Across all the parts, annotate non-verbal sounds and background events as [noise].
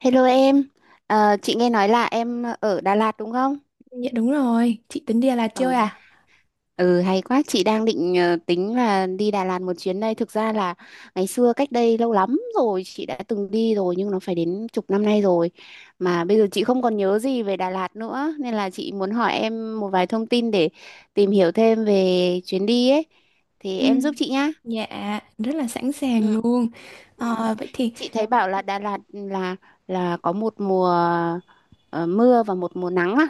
Hello em. Chị nghe nói là em ở Đà Lạt đúng không? Dạ đúng rồi, chị tính đi Đà Lạt chơi Ờ, à? ừ, Hay quá, chị đang định tính là đi Đà Lạt một chuyến đây. Thực ra là ngày xưa cách đây lâu lắm rồi chị đã từng đi rồi nhưng nó phải đến chục năm nay rồi. Mà bây giờ chị không còn nhớ gì về Đà Lạt nữa nên là chị muốn hỏi em một vài thông tin để tìm hiểu thêm về chuyến đi ấy. Thì Ừ. em giúp chị nhá. Dạ, rất là sẵn sàng luôn. Ừ. Vậy thì Chị thấy bảo là Đà Lạt là có một mùa ờ, mưa và một mùa nắng á.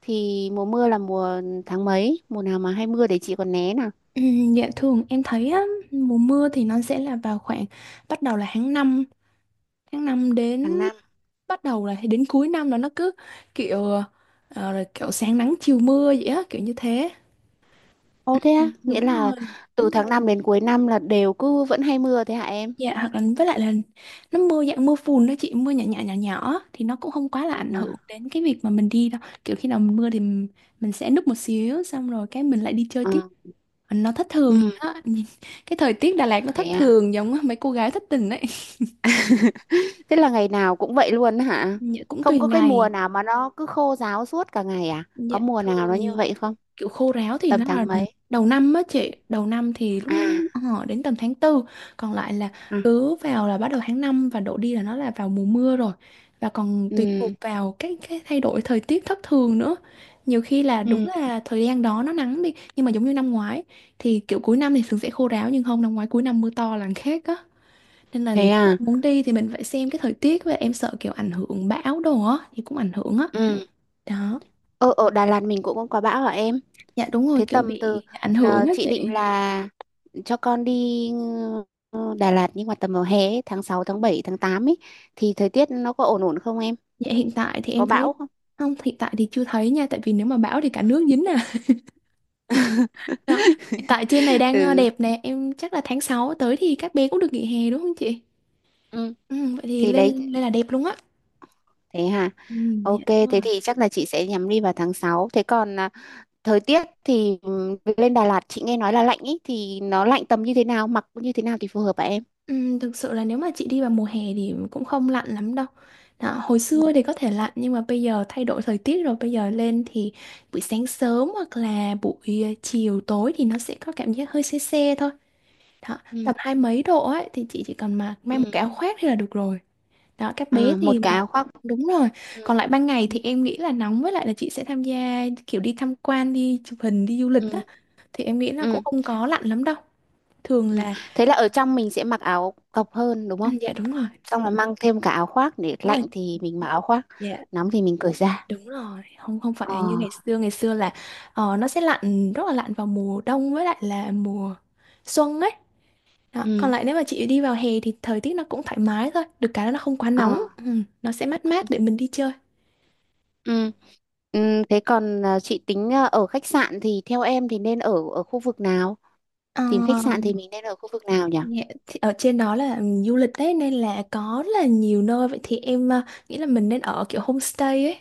Thì mùa mưa là mùa tháng mấy? Mùa nào mà hay mưa để chị còn né nào? Dạ thường em thấy á, mùa mưa thì nó sẽ là vào khoảng bắt đầu là tháng năm đến Tháng 5. bắt đầu là đến cuối năm đó nó cứ kiểu rồi kiểu sáng nắng chiều mưa vậy á, kiểu như thế. Ồ thế Ừ. á, Đúng nghĩa là rồi. từ tháng 5 đến cuối năm là đều cứ vẫn hay mưa thế hả em? Dạ hoặc là với lại là nó mưa dạng mưa phùn đó chị, mưa nhỏ nhỏ nhỏ nhỏ thì nó cũng không quá là ảnh À. hưởng đến cái việc mà mình đi đâu, kiểu khi nào mình mưa thì mình sẽ núp một xíu xong rồi cái mình lại đi chơi À. tiếp, nó thất thường vậy Ừ. đó. [laughs] Cái thời tiết Đà Lạt nó Thế thất à. thường giống mấy cô gái thất tình ấy. [laughs] Thế là ngày nào cũng vậy luôn hả? Dạ cũng Không tùy có cái mùa ngày. nào mà nó cứ khô ráo suốt cả ngày à? Có Dạ mùa nào nó như thường vậy không? kiểu khô ráo thì Tầm nó là tháng mấy? đầu năm á chị, đầu năm thì lúc À. họ đến tầm tháng tư, còn lại là À. cứ vào là bắt đầu tháng 5 và đổ đi là nó là vào mùa mưa rồi, và còn tùy thuộc Ừ. vào cái thay đổi thời tiết thất thường nữa. Nhiều khi là đúng Ừ. là thời gian đó nó nắng đi nhưng mà giống như năm ngoái thì kiểu cuối năm thì thường sẽ khô ráo, nhưng không, năm ngoái cuối năm mưa to là khác á, nên là Thế nếu mà à? muốn đi thì mình phải xem cái thời tiết, và em sợ kiểu ảnh hưởng bão đồ á thì cũng ảnh hưởng á Ừ. đó. Ờ, Ở Đà Lạt mình cũng không có bão hả em? Dạ đúng rồi, Thế kiểu tầm từ bị ảnh hưởng á chị định chị. là cho con đi Đà Lạt nhưng mà tầm vào hè ấy, tháng 6, tháng 7, tháng 8 ấy thì thời tiết nó có ổn ổn không em? Dạ hiện tại thì Có em thấy bão không? không, hiện tại thì chưa thấy nha, tại vì nếu mà bão thì cả nước dính à. [laughs] Đó. Hiện tại trên này [laughs] đang Ừ. đẹp nè, em chắc là tháng 6 tới thì các bé cũng được nghỉ hè đúng không chị? Ừ, Ừ, vậy thì thì lên đấy, lên là đẹp luôn á. thế hả? Ừ, dạ Ok, đúng rồi. thế thì chắc là chị sẽ nhắm đi vào tháng 6. Thế còn thời tiết thì lên Đà Lạt chị nghe nói là lạnh ấy thì nó lạnh tầm như thế nào, mặc như thế nào thì phù hợp hả em? Thực sự là nếu mà chị đi vào mùa hè thì cũng không lạnh lắm đâu. Đó, hồi Ừ. xưa thì có thể lạnh nhưng mà bây giờ thay đổi thời tiết rồi, bây giờ lên thì buổi sáng sớm hoặc là buổi chiều tối thì nó sẽ có cảm giác hơi se se thôi. Đó, Ừ. tầm hai mấy độ ấy thì chị chỉ cần mặc, mang một cái Ừ. áo khoác thì là được rồi. Đó, các bé À, một thì cái mặc áo khoác. đúng rồi. Ừ. Còn lại ban ngày Ừ. thì em nghĩ là nóng, với lại là chị sẽ tham gia kiểu đi tham quan, đi chụp hình, đi du lịch á, Ừ. thì em nghĩ là cũng Ừ. không có lạnh lắm đâu. Thường Ừ. là Thế là ở trong mình sẽ mặc áo cộc hơn đúng ừ, không? dạ đúng rồi. Xong là mang thêm cả áo khoác để Đúng lạnh rồi. thì mình mặc áo khoác, Dạ nóng thì mình cởi ra. đúng rồi, không, không Ờ. phải như ngày xưa, ngày xưa là nó sẽ lạnh, rất là lạnh vào mùa đông với lại là mùa xuân ấy đó. Còn Ừ. lại nếu mà chị đi vào hè thì thời tiết nó cũng thoải mái thôi, được cái là nó không quá nóng, Ờ. ừ, nó sẽ mát mát Ừ. để mình đi chơi. Ừ. Ừ. Thế còn chị tính ở khách sạn thì theo em thì nên ở ở khu vực nào? Ờ, Tìm khách sạn thì mình nên ở khu vực nào nhỉ? Dạ, thì ở trên đó là du lịch đấy nên là có rất là nhiều nơi, vậy thì em nghĩ là mình nên ở kiểu homestay ấy,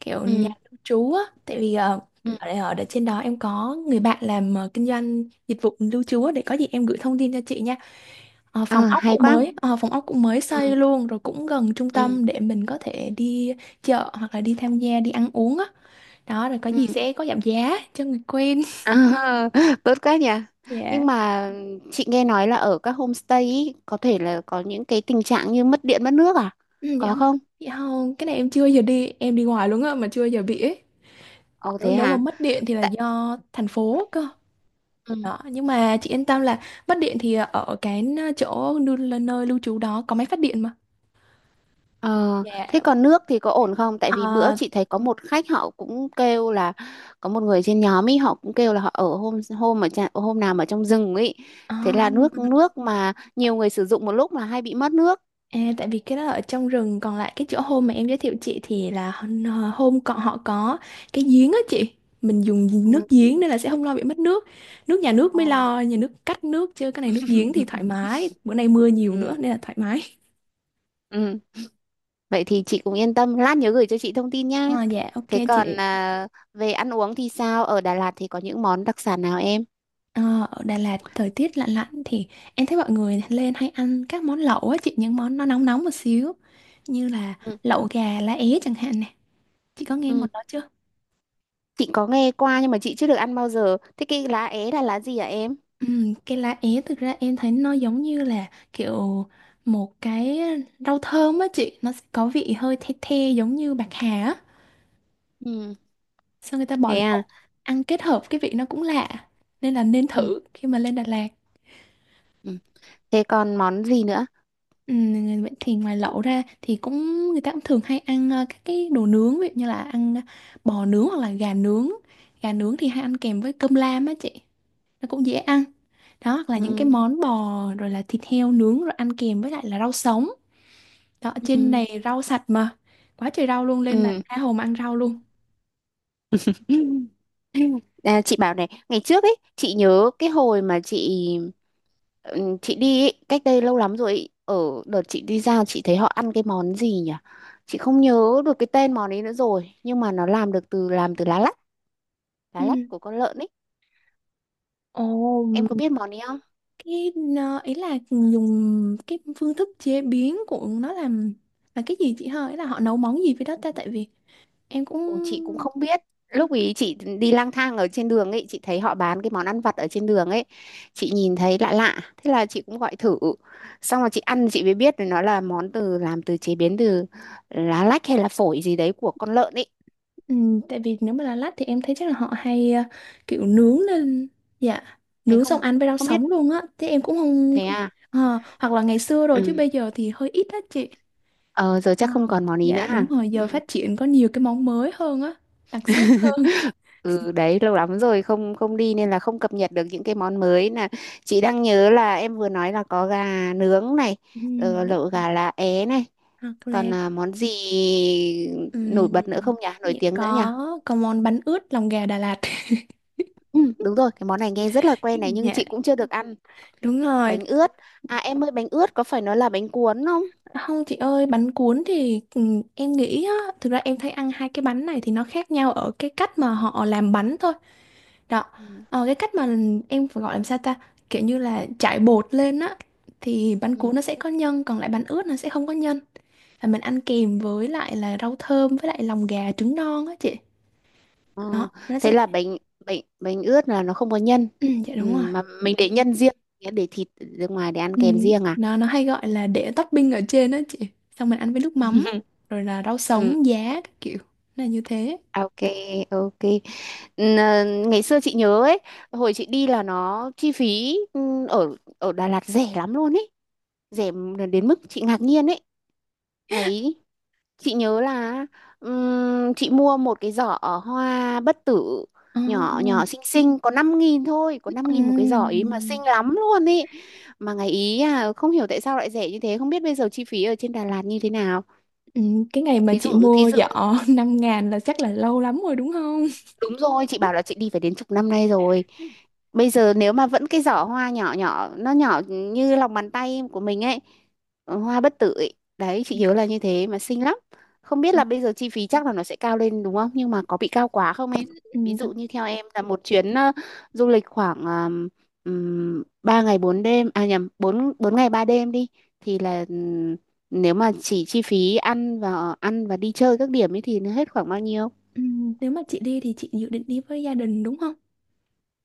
kiểu nhà Ừ. lưu trú á, tại vì Ừ. ở trên đó em có người bạn làm kinh doanh dịch vụ lưu trú á, để có gì em gửi thông tin cho chị nha. À, hay quá. Phòng ốc cũng mới xây Ừ. luôn rồi, cũng gần trung Ừ. tâm để mình có thể đi chợ hoặc là đi tham gia, đi ăn uống á, đó, rồi có Ừ. gì sẽ có giảm giá cho người quen. À, [laughs] tốt quá nhỉ. [laughs] Dạ. Nhưng mà chị nghe nói là ở các homestay ý, có thể là có những cái tình trạng như mất điện mất nước à? Ừ, Có không? dạ không, cái này em chưa giờ đi, em đi ngoài luôn á mà chưa giờ bị ấy. Ồ Nếu thế nếu mà hả? mất điện thì là Tại. do thành phố cơ. Ừ. Đó, nhưng mà chị yên tâm là mất điện thì ở cái chỗ nơi lưu trú đó có máy phát điện mà. Ờ, Dạ. Thế còn nước thì có ổn không? Tại vì bữa Ờ, chị thấy có một khách họ cũng kêu là có một người trên nhóm ấy họ cũng kêu là họ ở hôm hôm ở hôm nào mà trong rừng ấy. ờ, Thế là nước nước mà nhiều người sử dụng một lúc là hay bị mất nước. À, tại vì cái đó ở trong rừng, còn lại cái chỗ hôm mà em giới thiệu chị thì là hôm còn, họ có cái giếng á chị, mình dùng Ừ. nước giếng nên là sẽ không lo bị mất nước. Nước nhà nước Ồ. mới lo, nhà nước cắt nước, chứ cái này nước giếng thì thoải mái, bữa nay mưa nhiều nữa Ừ. nên là thoải mái. Ừ. Vậy thì chị cũng yên tâm, lát nhớ gửi cho chị thông tin [laughs] nha. À, dạ ok Thế còn chị. Về ăn uống thì sao? Ở Đà Lạt thì có những món đặc sản nào em? Ờ, ở Đà Lạt thời tiết lạnh lạnh thì em thấy mọi người lên hay ăn các món lẩu á chị, những món nó nóng nóng một xíu, như là Ừ. lẩu gà lá é chẳng hạn nè, chị có nghe Ừ. món đó chưa? Chị có nghe qua nhưng mà chị chưa được ăn bao giờ. Thế cái lá é là lá gì hả em? Cái lá é thực ra em thấy nó giống như là kiểu một cái rau thơm á chị, nó sẽ có vị hơi the the giống như bạc hà á, Ừ. sao người ta bỏ Thế lẩu à? ăn kết hợp cái vị nó cũng lạ, nên là nên Ừ. thử khi mà lên Đà Lạt. Ừ. Thế còn món gì nữa? Vậy thì ngoài lẩu ra thì cũng, người ta cũng thường hay ăn các cái đồ nướng, ví dụ như là ăn bò nướng hoặc là gà nướng, gà nướng thì hay ăn kèm với cơm lam á chị, nó cũng dễ ăn, đó, hoặc là những cái Ừ. món bò rồi là thịt heo nướng rồi ăn kèm với lại là rau sống. Đó, trên Ừ. này rau sạch mà. Quá trời rau luôn nên là Ừ. tha hồ mà ăn rau luôn. [laughs] À, chị bảo này, ngày trước ấy, chị nhớ cái hồi mà chị ừ, chị đi ấy, cách đây lâu lắm rồi ấy, ở đợt chị đi ra chị thấy họ ăn cái món gì nhỉ? Chị không nhớ được cái tên món ấy nữa rồi, nhưng mà nó làm được từ lá Ừ. lách của con lợn ấy. Ồ, Em có biết món ấy? cái ý là dùng cái phương thức chế biến của nó làm là cái gì chị hả? Ý là họ nấu món gì với đó ta, tại vì em cũng Ồ, chị cũng không biết, lúc ý chị đi lang thang ở trên đường ấy chị thấy họ bán cái món ăn vặt ở trên đường ấy chị nhìn thấy lạ lạ thế là chị cũng gọi thử xong rồi chị ăn chị mới biết là nó là món từ làm từ chế biến từ lá lách hay là phổi gì đấy của con lợn ấy, ừ, tại vì nếu mà là lát thì em thấy chắc là họ hay kiểu nướng lên, dạ, thế nướng xong không ăn với rau không biết, sống luôn á, thế em cũng không thế à. Hoặc là ngày xưa rồi chứ Ừ. bây giờ thì hơi ít á chị. ờ giờ Ừ. chắc không còn món ý Dạ nữa đúng hả? rồi, giờ Ừ. phát triển có nhiều cái món mới hơn á, đặc sắc hơn. [laughs] Ừ, đấy lâu lắm rồi không không đi nên là không cập nhật được những cái món mới, là chị đang nhớ là em vừa nói là có gà nướng này, Ừm, lẩu gà lá é này, Hoặc là còn món gì nổi ừm, bật nữa không nhỉ, nổi dạ, tiếng nữa nhỉ? có món bánh ướt lòng gà Đà Lạt. Ừ, đúng rồi, cái món này nghe rất là quen [laughs] này, nhưng Dạ chị cũng chưa được ăn đúng rồi. bánh ướt. À em ơi, bánh ướt có phải nó là bánh cuốn không? Không chị ơi, bánh cuốn thì em nghĩ á, thực ra em thấy ăn hai cái bánh này thì nó khác nhau ở cái cách mà họ làm bánh thôi. Đó, Ừ. Cái cách mà em phải gọi làm sao ta? Kiểu như là trải bột lên á, thì bánh cuốn Ừ. nó sẽ có nhân, còn lại bánh ướt nó sẽ không có nhân. Và mình ăn kèm với lại là rau thơm với lại lòng gà, trứng non á chị, Ờ, nó Thế sẽ là [clears throat] bánh bánh bánh ướt là nó không có nhân, ừ, dạ ừ, đúng rồi. mà mình để nhân riêng, để thịt ra ngoài để ăn Ừ. kèm riêng à? nó hay gọi là để topping ở trên đó chị, xong mình ăn với nước mắm rồi là rau sống, [laughs] giá các kiểu. Nó là như thế. Ok, ok. Ngày xưa chị nhớ ấy, hồi chị đi là nó chi phí ở ở Đà Lạt rẻ lắm luôn ấy, rẻ đến mức chị ngạc nhiên ấy. Ngày ấy, chị nhớ là chị mua một cái giỏ hoa bất tử nhỏ nhỏ Ồ. xinh xinh có 5.000 thôi, có 5.000 một cái giỏ ấy mà ừm, xinh lắm luôn ấy. Mà ngày ý à không hiểu tại sao lại rẻ như thế, không biết bây giờ chi phí ở trên Đà Lạt như thế nào. Cái ngày mà Thí chị dụ thí mua dụ giỏ [laughs] 5.000 là chắc là lâu lắm rồi đúng không? Đúng rồi, chị bảo là chị đi phải đến chục năm nay rồi. Bây giờ nếu mà vẫn cái giỏ hoa nhỏ nhỏ, nó nhỏ như lòng bàn tay của mình ấy, hoa bất tử ấy. Đấy, chị nhớ là như thế mà xinh lắm. Không biết là bây giờ chi phí chắc là nó sẽ cao lên đúng không? Nhưng mà có bị cao quá không em? Ví thật. dụ như theo em là một chuyến du lịch khoảng 3 ngày 4 đêm, à nhầm, 4 4 ngày 3 đêm đi. Thì là nếu mà chỉ chi phí ăn và đi chơi các điểm ấy thì nó hết khoảng bao nhiêu? Nếu mà chị đi thì chị dự định đi với gia đình đúng không?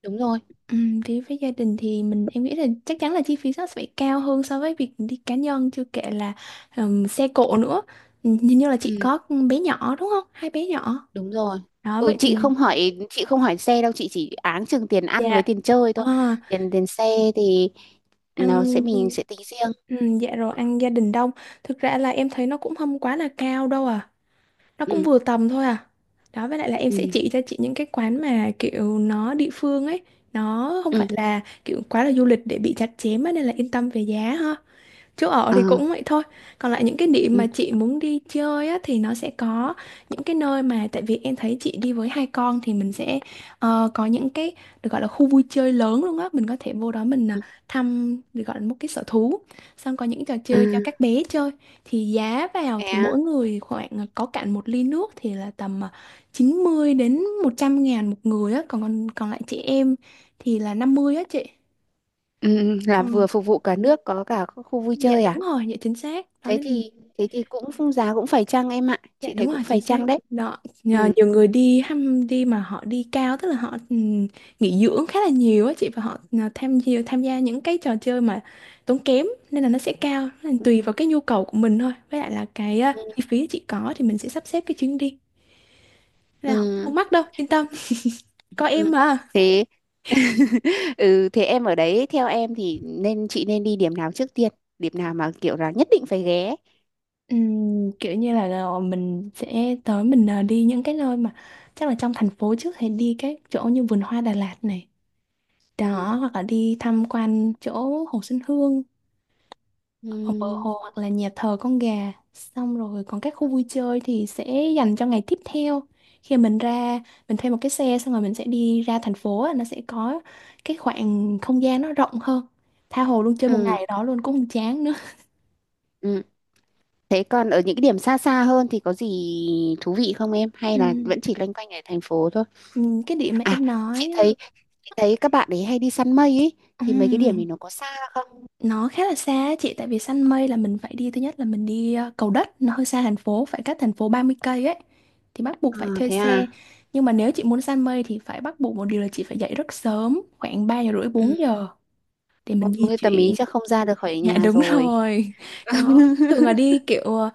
Đúng rồi. Đi với gia đình thì mình, em nghĩ là chắc chắn là chi phí nó sẽ phải cao hơn so với việc đi cá nhân, chưa kể là xe cộ nữa. Hình như là chị Ừ. có con bé nhỏ đúng không, hai bé nhỏ Đúng rồi. đó, Ừ, vậy chị thì, không hỏi chị không hỏi xe đâu, chị chỉ áng chừng tiền ăn với dạ. tiền chơi Ờ, thôi. Tiền tiền xe thì nó sẽ ăn mình sẽ tính riêng. Dạ rồi, ăn gia đình đông, thực ra là em thấy nó cũng không quá là cao đâu à, nó cũng Ừ. vừa tầm thôi à đó. Với lại là em Ừ. sẽ chỉ cho chị những cái quán mà kiểu nó địa phương ấy, nó không phải Ừ. là kiểu quá là du lịch để bị chặt chém á, nên là yên tâm về giá ha. Chỗ ở Ờ. thì cũng vậy thôi. Còn lại những cái điểm Ừ. mà chị muốn đi chơi á, thì nó sẽ có những cái nơi mà, tại vì em thấy chị đi với hai con thì mình sẽ có những cái được gọi là khu vui chơi lớn luôn á. Mình có thể vô đó, mình Ừ. thăm được gọi là một cái sở thú. Xong có những trò chơi cho Ừ. các bé chơi. Thì giá vào Thế thì à. mỗi người khoảng có cạn một ly nước thì là tầm 90 đến 100.000 một người á. Còn còn còn lại chị em thì là 50 á chị. Ừ, ừ, là Ừ. vừa phục vụ cả nước có cả khu khu vui Dạ chơi đúng à? rồi, dạ chính xác. Đó thế nên, thì thế thì cũng phung giá cũng phải chăng em ạ, dạ chị thấy đúng cũng rồi, chính phải xác chăng đấy. đó, nhờ Ừ. nhiều người đi ham đi mà họ đi cao, tức là họ nghỉ dưỡng khá là nhiều á chị, và họ tham gia những cái trò chơi mà tốn kém nên là nó sẽ cao, nên là tùy vào cái nhu cầu của mình thôi, với lại là cái Ừ. chi phí chị có thì mình sẽ sắp xếp cái chuyến đi. Nên là không, Ừ. không mắc đâu, yên tâm, có em Ừ. mà. Thế. [laughs] Ừ, thế em ở đấy theo em thì chị nên đi điểm nào trước tiên, điểm nào mà kiểu là nhất định phải ghé? Kiểu như là, mình sẽ tới, mình đi những cái nơi mà chắc là trong thành phố trước, thì đi các chỗ như vườn hoa Đà Lạt này, Ừ. đó, hoặc là đi tham quan chỗ Hồ Xuân Hương, hoặc bờ Ừ. hồ, hoặc là nhà thờ con gà, xong rồi còn các khu vui chơi thì sẽ dành cho ngày tiếp theo, khi mình ra mình thuê một cái xe xong rồi mình sẽ đi ra thành phố á, nó sẽ có cái khoảng không gian nó rộng hơn, tha hồ luôn, chơi một ngày ở Ừ. đó luôn cũng không chán nữa. Ừ. Thế còn ở những cái điểm xa xa hơn thì có gì thú vị không em? Hay là Ừm, vẫn chỉ loanh quanh ở thành phố thôi? Cái điểm mà À, em chị nói thấy chị thấy các bạn ấy hay đi săn mây ấy, á, thì mấy cái điểm thì nó có xa không? nó khá là xa á chị, tại vì săn mây là mình phải đi, thứ nhất là mình đi Cầu Đất, nó hơi xa thành phố, phải cách thành phố 30 cây ấy, thì bắt buộc À, phải thuê thế xe. à? Nhưng mà nếu chị muốn săn mây thì phải bắt buộc một điều là chị phải dậy rất sớm, khoảng ba giờ rưỡi Ừ. bốn giờ để Ừ, mình di như tầm ý chuyển. chắc không ra được khỏi Dạ nhà đúng rồi. rồi. Đó, thường là đi [laughs] kiểu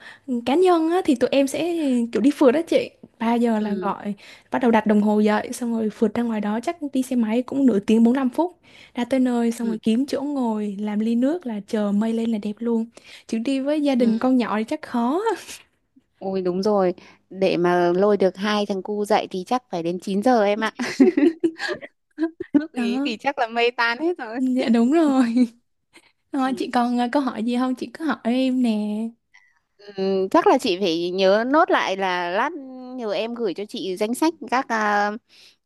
cá nhân á, thì tụi em sẽ kiểu đi phượt đó chị. Ba giờ là Ừ. gọi, bắt đầu đặt đồng hồ dậy, xong rồi phượt ra ngoài đó, chắc đi xe máy cũng nửa tiếng 45 phút. Ra tới nơi xong Ừ. rồi kiếm chỗ ngồi, làm ly nước là chờ mây lên là đẹp luôn. Chứ đi với gia đình Ừ. con nhỏ thì chắc khó. Ôi đúng rồi, để mà lôi được hai thằng cu dậy thì chắc phải đến 9 giờ em ạ. [laughs] [laughs] Lúc ý Đó, thì chắc là mây tan hết rồi. dạ đúng rồi. Rồi, Ừ. chị còn câu hỏi gì không? Chị cứ hỏi em nè. Ừ, chắc là chị phải nhớ nốt lại là lát nhờ em gửi cho chị danh sách các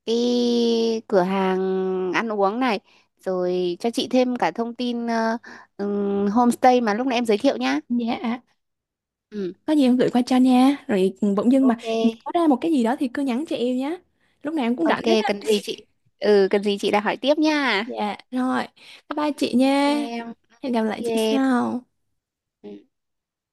cái cửa hàng ăn uống này, rồi cho chị thêm cả thông tin homestay mà lúc nãy em giới thiệu nhá. Dạ. Ừ. Có gì em gửi qua cho nha, rồi bỗng dưng mà Ok. nhớ ra một cái gì đó thì cứ nhắn cho em nhé, lúc nào em cũng Ok, rảnh hết á. cần gì [laughs] chị? Ừ, cần gì chị đã hỏi tiếp nha. Dạ rồi, bye bye chị Thank you nha, em. hẹn gặp Thank lại you chị em. sau. Ừ.